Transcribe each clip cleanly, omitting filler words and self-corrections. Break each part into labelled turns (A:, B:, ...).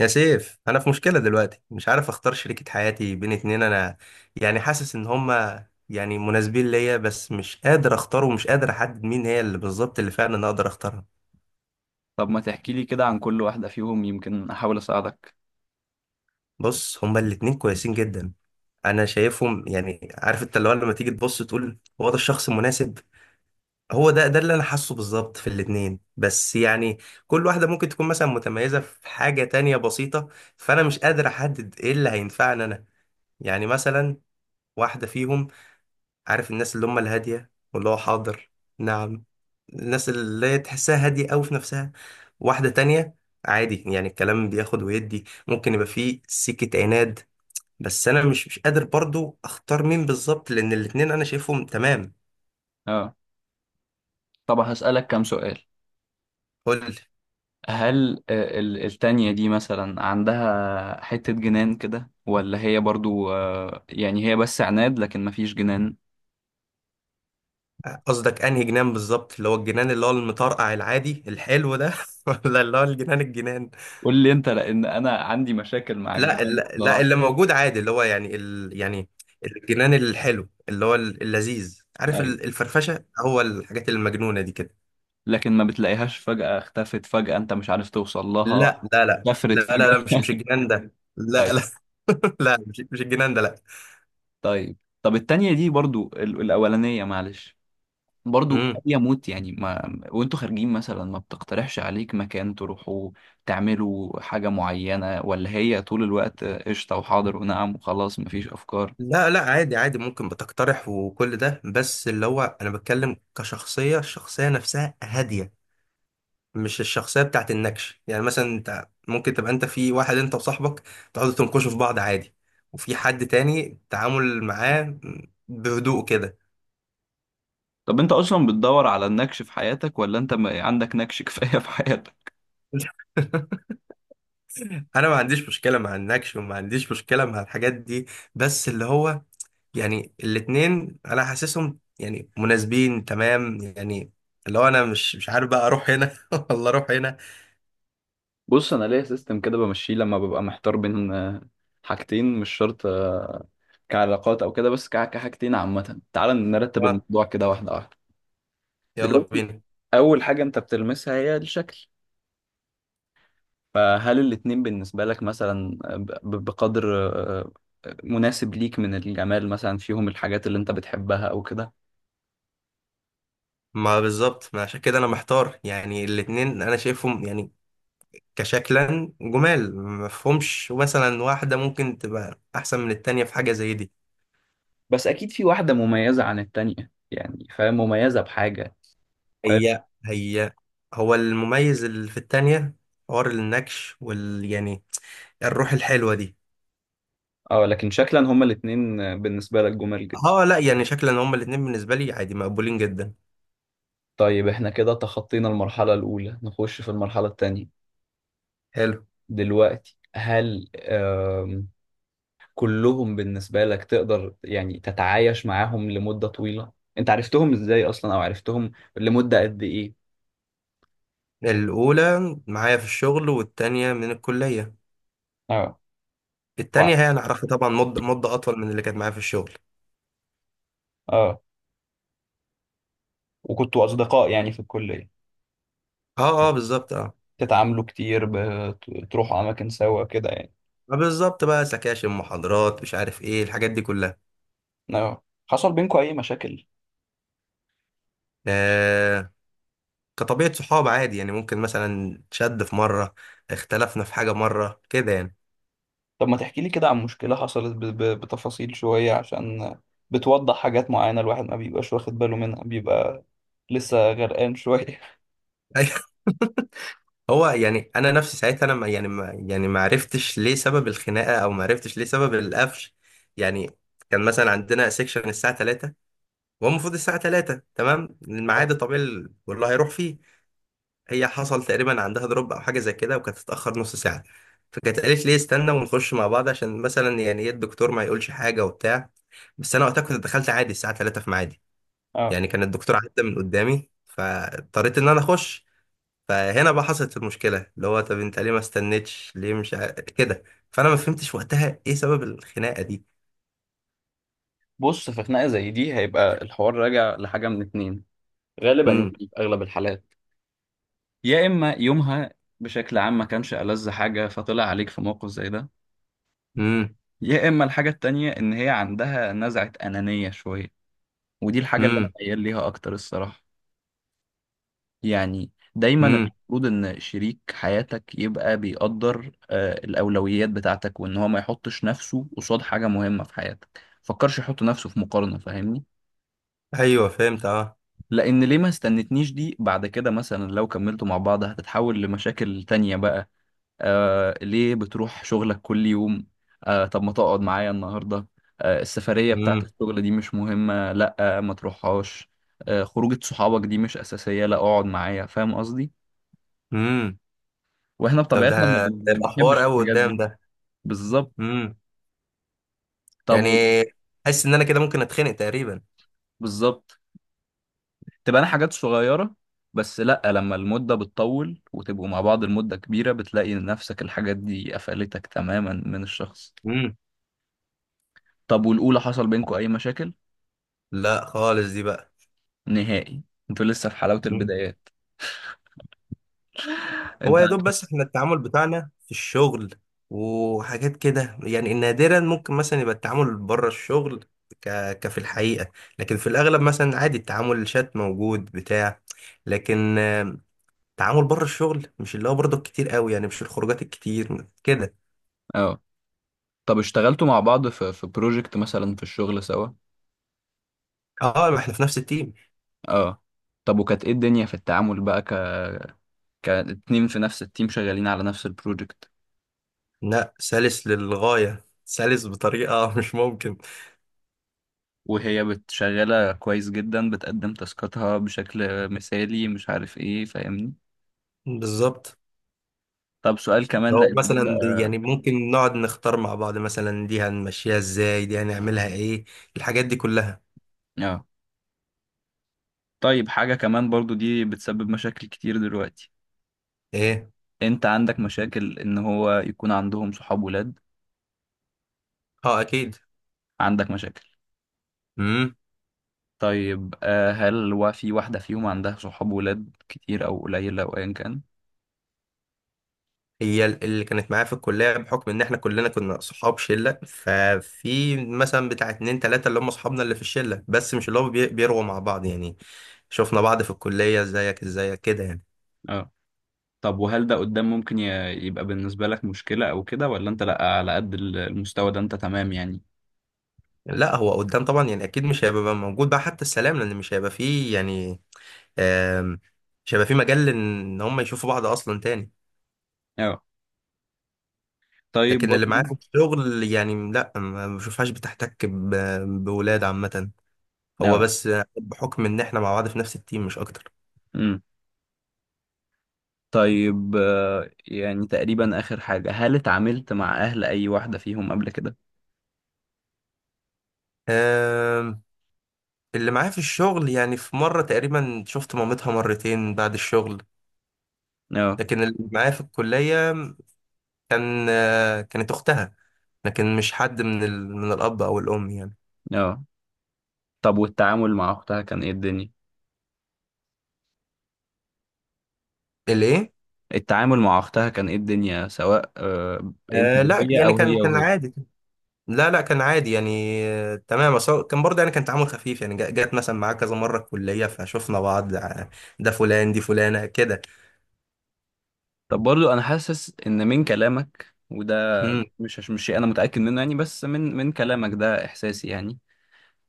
A: يا سيف انا في مشكله دلوقتي مش عارف اختار شريكه حياتي بين اتنين. انا يعني حاسس ان هما يعني مناسبين ليا، بس مش قادر اختار ومش قادر احدد مين هي اللي بالظبط اللي فعلا انا اقدر اختارها.
B: طب ما تحكي لي كده عن كل واحدة فيهم، يمكن أحاول أساعدك.
A: بص، هما الاتنين كويسين جدا. انا شايفهم، يعني عارف انت اللي هو لما تيجي تبص تقول هو ده الشخص المناسب. هو ده اللي انا حاسه بالظبط في الاتنين، بس يعني كل واحده ممكن تكون مثلا متميزه في حاجه تانية بسيطه. فانا مش قادر احدد ايه اللي هينفعني انا. يعني مثلا واحده فيهم، عارف الناس اللي هم الهادية واللي هو حاضر؟ نعم. الناس اللي تحسها هادية أوي في نفسها. واحدة تانية عادي، يعني الكلام بياخد ويدي، ممكن يبقى فيه سكة عناد. بس أنا مش قادر برضو أختار مين بالظبط، لأن الاتنين أنا شايفهم تمام.
B: اه، طب هسألك كام سؤال.
A: قول لي،
B: هل التانية دي مثلا عندها حتة جنان كده، ولا هي برضو يعني هي بس عناد لكن مفيش جنان؟
A: قصدك أنهي جنان بالظبط؟ اللي هو الجنان اللي هو المطرقع العادي الحلو ده ولا اللي هو الجنان؟
B: قول لي انت، لأن أنا عندي مشاكل مع
A: لا
B: الجنان
A: لا لا،
B: بصراحة.
A: اللي موجود عادي، اللي هو يعني يعني الجنان الحلو، اللي هو اللذيذ، عارف،
B: أيوه،
A: الفرفشه، هو الحاجات المجنونه دي كده.
B: لكن ما بتلاقيهاش، فجأة اختفت، فجأة انت مش عارف توصل لها،
A: لا لا لا لا
B: كفرت
A: لا
B: فجأة.
A: لا مش الجنان ده، لا
B: أيوه.
A: لا. لا، مش الجنان ده، لا.
B: طيب، طب التانية دي برضو، الأولانية معلش، برضو
A: امم.
B: أبي أموت يعني، ما وأنتوا خارجين مثلا ما بتقترحش عليك مكان تروحوا تعملوا حاجة معينة، ولا هي طول الوقت قشطة وحاضر ونعم وخلاص مفيش أفكار؟
A: لا لا، عادي عادي، ممكن بتقترح وكل ده، بس اللي هو انا بتكلم كشخصيه. الشخصيه نفسها هاديه، مش الشخصيه بتاعت النكش. يعني مثلا انت ممكن تبقى انت في واحد، انت وصاحبك تقعدوا تنكشوا في بعض عادي، وفي حد تاني التعامل معاه بهدوء كده.
B: طب أنت أصلا بتدور على النكش في حياتك، ولا أنت ما عندك نكش كفاية في حياتك؟
A: انا ما عنديش مشكله مع النكش، وما عنديش مشكله مع الحاجات دي، بس اللي هو يعني الاتنين انا حاسسهم يعني مناسبين تمام يعني. اللي هو انا مش عارف بقى اروح هنا ولا اروح هنا.
B: بص، انا ليا سيستم كده بمشيه لما ببقى محتار بين حاجتين، مش شرط كعلاقات او كده، بس كحاجتين عامه. تعال نرتب
A: اه،
B: الموضوع كده واحده واحده.
A: يلا
B: دلوقتي
A: بينا.
B: اول حاجه انت بتلمسها هي الشكل، فهل الاتنين بالنسبة لك مثلا بقدر مناسب ليك من الجمال، مثلا فيهم الحاجات اللي انت بتحبها او كده؟
A: ما بالظبط ما عشان كده انا محتار، يعني الاتنين انا شايفهم يعني كشكلا جمال مفهومش مثلا واحدة ممكن تبقى أحسن من التانية في حاجة زي دي.
B: بس اكيد في واحدة مميزة عن التانية يعني، فاهم؟ مميزة بحاجة، فاهم؟
A: هي هو المميز اللي في التانية حوار النكش وال يعني الروح الحلوة دي.
B: اه، لكن شكلا هما الاتنين بالنسبة لك جمال جدا؟
A: اه لا، يعني شكلا هما الاتنين بالنسبة لي عادي مقبولين جدا.
B: طيب، احنا كده تخطينا المرحلة الأولى، نخش في المرحلة التانية.
A: حلو.
B: دلوقتي هل كلهم بالنسبة لك تقدر يعني تتعايش معاهم لمدة طويلة؟ انت عرفتهم ازاي اصلا، او عرفتهم لمدة قد ايه؟
A: الأولى معايا في الشغل، والتانية من الكلية.
B: اه. و-
A: التانية هي أنا أعرفها طبعا مدة أطول من اللي كانت معايا في الشغل.
B: اه، وكنتوا اصدقاء يعني في الكليه؟
A: اه اه بالظبط اه.
B: تتعاملوا كتير، بتروحوا اماكن سوا كده يعني؟
A: بالظبط، بقى سكاشن، محاضرات، مش عارف ايه، الحاجات دي كلها.
B: اه، حصل بينكم اي مشاكل؟
A: آه، كطبيعة صحاب عادي، يعني ممكن مثلا شد في مرة، اختلفنا في حاجة مرة كده يعني.
B: طب ما تحكي لي كده عن مشكله حصلت بتفاصيل شويه، عشان بتوضح حاجات معينه الواحد ما بيبقاش واخد باله منها، بيبقى لسه غرقان شويه.
A: أيوة. هو يعني انا نفسي ساعتها انا ما عرفتش ليه سبب الخناقه، او ما عرفتش ليه سبب القفش. يعني كان مثلا عندنا سيكشن الساعه 3، وهو المفروض الساعه 3 تمام، الميعاد الطبيعي والله هيروح فيه. هي حصل تقريبا عندها دروب او حاجه زي كده، وكانت تتاخر نص ساعه، فكانت قالت لي استنى ونخش مع بعض عشان مثلا يعني ايه الدكتور ما يقولش حاجه وبتاع. بس انا وقتها كنت دخلت عادي الساعه 3 في ميعادي،
B: اه.
A: يعني كان الدكتور عدى من قدامي فاضطريت ان انا اخش. فهنا بقى حصلت المشكله، اللي هو طب انت ليه ما استنيتش؟ ليه مش كده؟ فانا ما فهمتش وقتها ايه سبب الخناقه دي.
B: بص، في خناقه زي دي هيبقى الحوار راجع لحاجه من اتنين غالبا، يعني
A: امم.
B: في اغلب الحالات. يا اما يومها بشكل عام ما كانش ألذ حاجه، فطلع عليك في موقف زي ده.
A: امم.
B: يا اما الحاجه التانية ان هي عندها نزعه انانيه شويه، ودي الحاجه اللي انا
A: امم.
B: ميال ليها اكتر الصراحه. يعني دايما
A: امم.
B: المفروض ان شريك حياتك يبقى بيقدر الاولويات بتاعتك، وان هو ما يحطش نفسه قصاد حاجه مهمه في حياتك، فكرش يحط نفسه في مقارنه، فاهمني؟
A: ايوه فهمت اه.
B: لان ليه ما استنتنيش دي، بعد كده مثلا لو كملتوا مع بعض هتتحول لمشاكل تانية بقى. آه ليه بتروح شغلك كل يوم، آه طب ما تقعد معايا النهارده، آه السفرية بتاعت
A: امم.
B: الشغل دي مش مهمة لا آه ما تروحهاش، آه خروجة صحابك دي مش أساسية لا اقعد معايا، فاهم قصدي؟
A: امم.
B: واحنا
A: طب
B: بطبيعتنا
A: ده
B: ما
A: يبقى حوار
B: بنحبش
A: قوي
B: الحاجات دي.
A: قدام ده.
B: بالظبط.
A: امم.
B: طب
A: يعني
B: و-.
A: حاسس ان انا كده ممكن اتخنق تقريبا.
B: بالظبط، تبقى انا حاجات صغيرة، بس لا، لما المدة بتطول وتبقوا مع بعض المدة كبيرة بتلاقي نفسك الحاجات دي قفلتك تماما من الشخص.
A: امم.
B: طب والأولى حصل بينكم أي مشاكل؟
A: لا خالص، دي بقى.
B: نهائي؟ انتوا لسه في حلاوة
A: إمم.
B: البدايات،
A: هو
B: انت
A: يا
B: عارف.
A: دوب بس، احنا التعامل بتاعنا في الشغل وحاجات كده، يعني نادرا ممكن مثلا يبقى التعامل بره الشغل ك... كفي الحقيقة. لكن في الأغلب مثلا عادي التعامل، الشات موجود بتاع لكن التعامل بره الشغل مش اللي هو برضه كتير قوي، يعني مش الخروجات الكتير كده.
B: اه. طب اشتغلتوا مع بعض في في بروجكت مثلا في الشغل سوا؟
A: اه، ما احنا في نفس التيم.
B: اه، طب وكانت ايه الدنيا في التعامل بقى، ك كاتنين في نفس التيم شغالين على نفس البروجكت؟
A: لا، سلس للغاية، سلس بطريقة مش ممكن.
B: وهي بتشغلة كويس جدا، بتقدم تاسكاتها بشكل مثالي، مش عارف ايه، فاهمني؟
A: بالظبط.
B: طب سؤال كمان،
A: لو
B: لان ده
A: مثلا
B: بقى.
A: يعني ممكن نقعد نختار مع بعض مثلا، دي هنمشيها ازاي، دي هنعملها ايه، الحاجات دي كلها.
B: اه، طيب حاجة كمان برضو دي بتسبب مشاكل كتير دلوقتي،
A: ايه.
B: انت عندك مشاكل ان هو يكون عندهم صحاب ولاد؟
A: اه اكيد.
B: عندك مشاكل؟
A: امم.
B: طيب هل هو في واحدة فيهم عندها صحاب ولاد كتير أو قليلة أو أيا كان؟
A: هي اللي كانت معايا في الكليه، بحكم ان احنا كلنا كنا صحاب شله، ففي مثلا بتاع اتنين تلاته اللي هم صحابنا اللي في الشله، بس مش اللي هم بيروا مع بعض يعني. شفنا بعض في الكليه، ازيك ازيك كده يعني.
B: اه، طب وهل ده قدام ممكن يبقى بالنسبة لك مشكلة أو كده، ولا أنت لأ على قد المستوى ده أنت تمام يعني؟
A: لا هو قدام طبعا، يعني اكيد مش هيبقى موجود بقى حتى السلام، لان مش هيبقى فيه يعني، آم، مش هيبقى فيه مجال ان هم يشوفوا بعض اصلا تاني.
B: اه. طيب
A: لكن اللي معايا
B: برضه.
A: في الشغل يعني لا، ما بشوفهاش بتحتك بولاد عامة. هو
B: اه.
A: بس بحكم ان احنا مع بعض في نفس التيم مش اكتر.
B: امم. طيب يعني تقريبا آخر حاجة، هل اتعاملت مع أهل أي واحدة فيهم قبل كده؟
A: آم، اللي معايا في الشغل يعني في مرة تقريبا شفت مامتها مرتين بعد الشغل.
B: اه.
A: لكن اللي معايا في الكلية كان، آه، كانت اختها، لكن مش حد من من الاب او الام يعني.
B: اه، طب والتعامل مع أختها كان إيه الدنيا؟
A: الايه؟
B: التعامل مع أختها كان إيه الدنيا، سواء أنت
A: آه لا
B: وهي
A: يعني
B: أو
A: كان
B: هي
A: كان
B: وهي؟
A: عادي. لا لا كان عادي يعني، آه، تمام، بس هو كان برضه يعني كان تعامل خفيف، يعني جات مثلا معاه كذا مرة الكلية فشفنا بعض، آه، ده فلان دي فلانة كده.
B: طب برضو انا حاسس ان من كلامك وده،
A: امم.
B: مش شيء انا متاكد منه يعني، بس من كلامك ده احساسي يعني،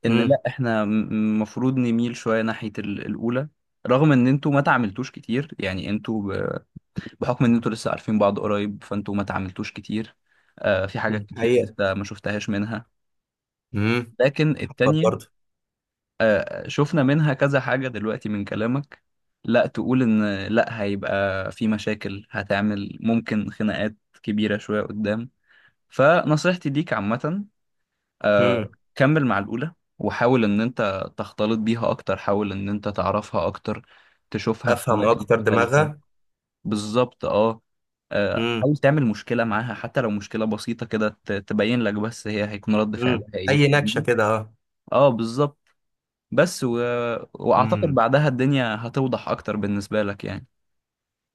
B: ان
A: امم.
B: لا، احنا المفروض نميل شويه ناحيه الاولى. رغم ان انتوا ما تعاملتوش كتير يعني، انتوا بحكم ان انتوا لسه عارفين بعض قريب فانتوا ما تعاملتوش كتير، آه في حاجات كتير
A: حقيقة.
B: لسه ما شفتهاش منها.
A: امم.
B: لكن
A: حبت
B: التانية
A: برضه.
B: شفنا منها كذا حاجة دلوقتي من كلامك، لا تقول إن لا، هيبقى في مشاكل، هتعمل ممكن خناقات كبيرة شوية قدام. فنصيحتي ليك عامة
A: امم.
B: كمل مع الأولى، وحاول إن أنت تختلط بيها أكتر، حاول إن أنت تعرفها أكتر، تشوفها في
A: افهم
B: أماكن
A: اكتر
B: مختلفة.
A: دماغها.
B: بالظبط، أه.
A: امم.
B: حاول تعمل مشكلة معاها، حتى لو مشكلة بسيطة كده، تبين لك بس هي هيكون رد
A: امم،
B: فعلها إيه في.
A: اي نكشة كده اه.
B: اه، بالظبط. بس و... واعتقد
A: امم.
B: بعدها الدنيا هتوضح اكتر بالنسبة لك يعني.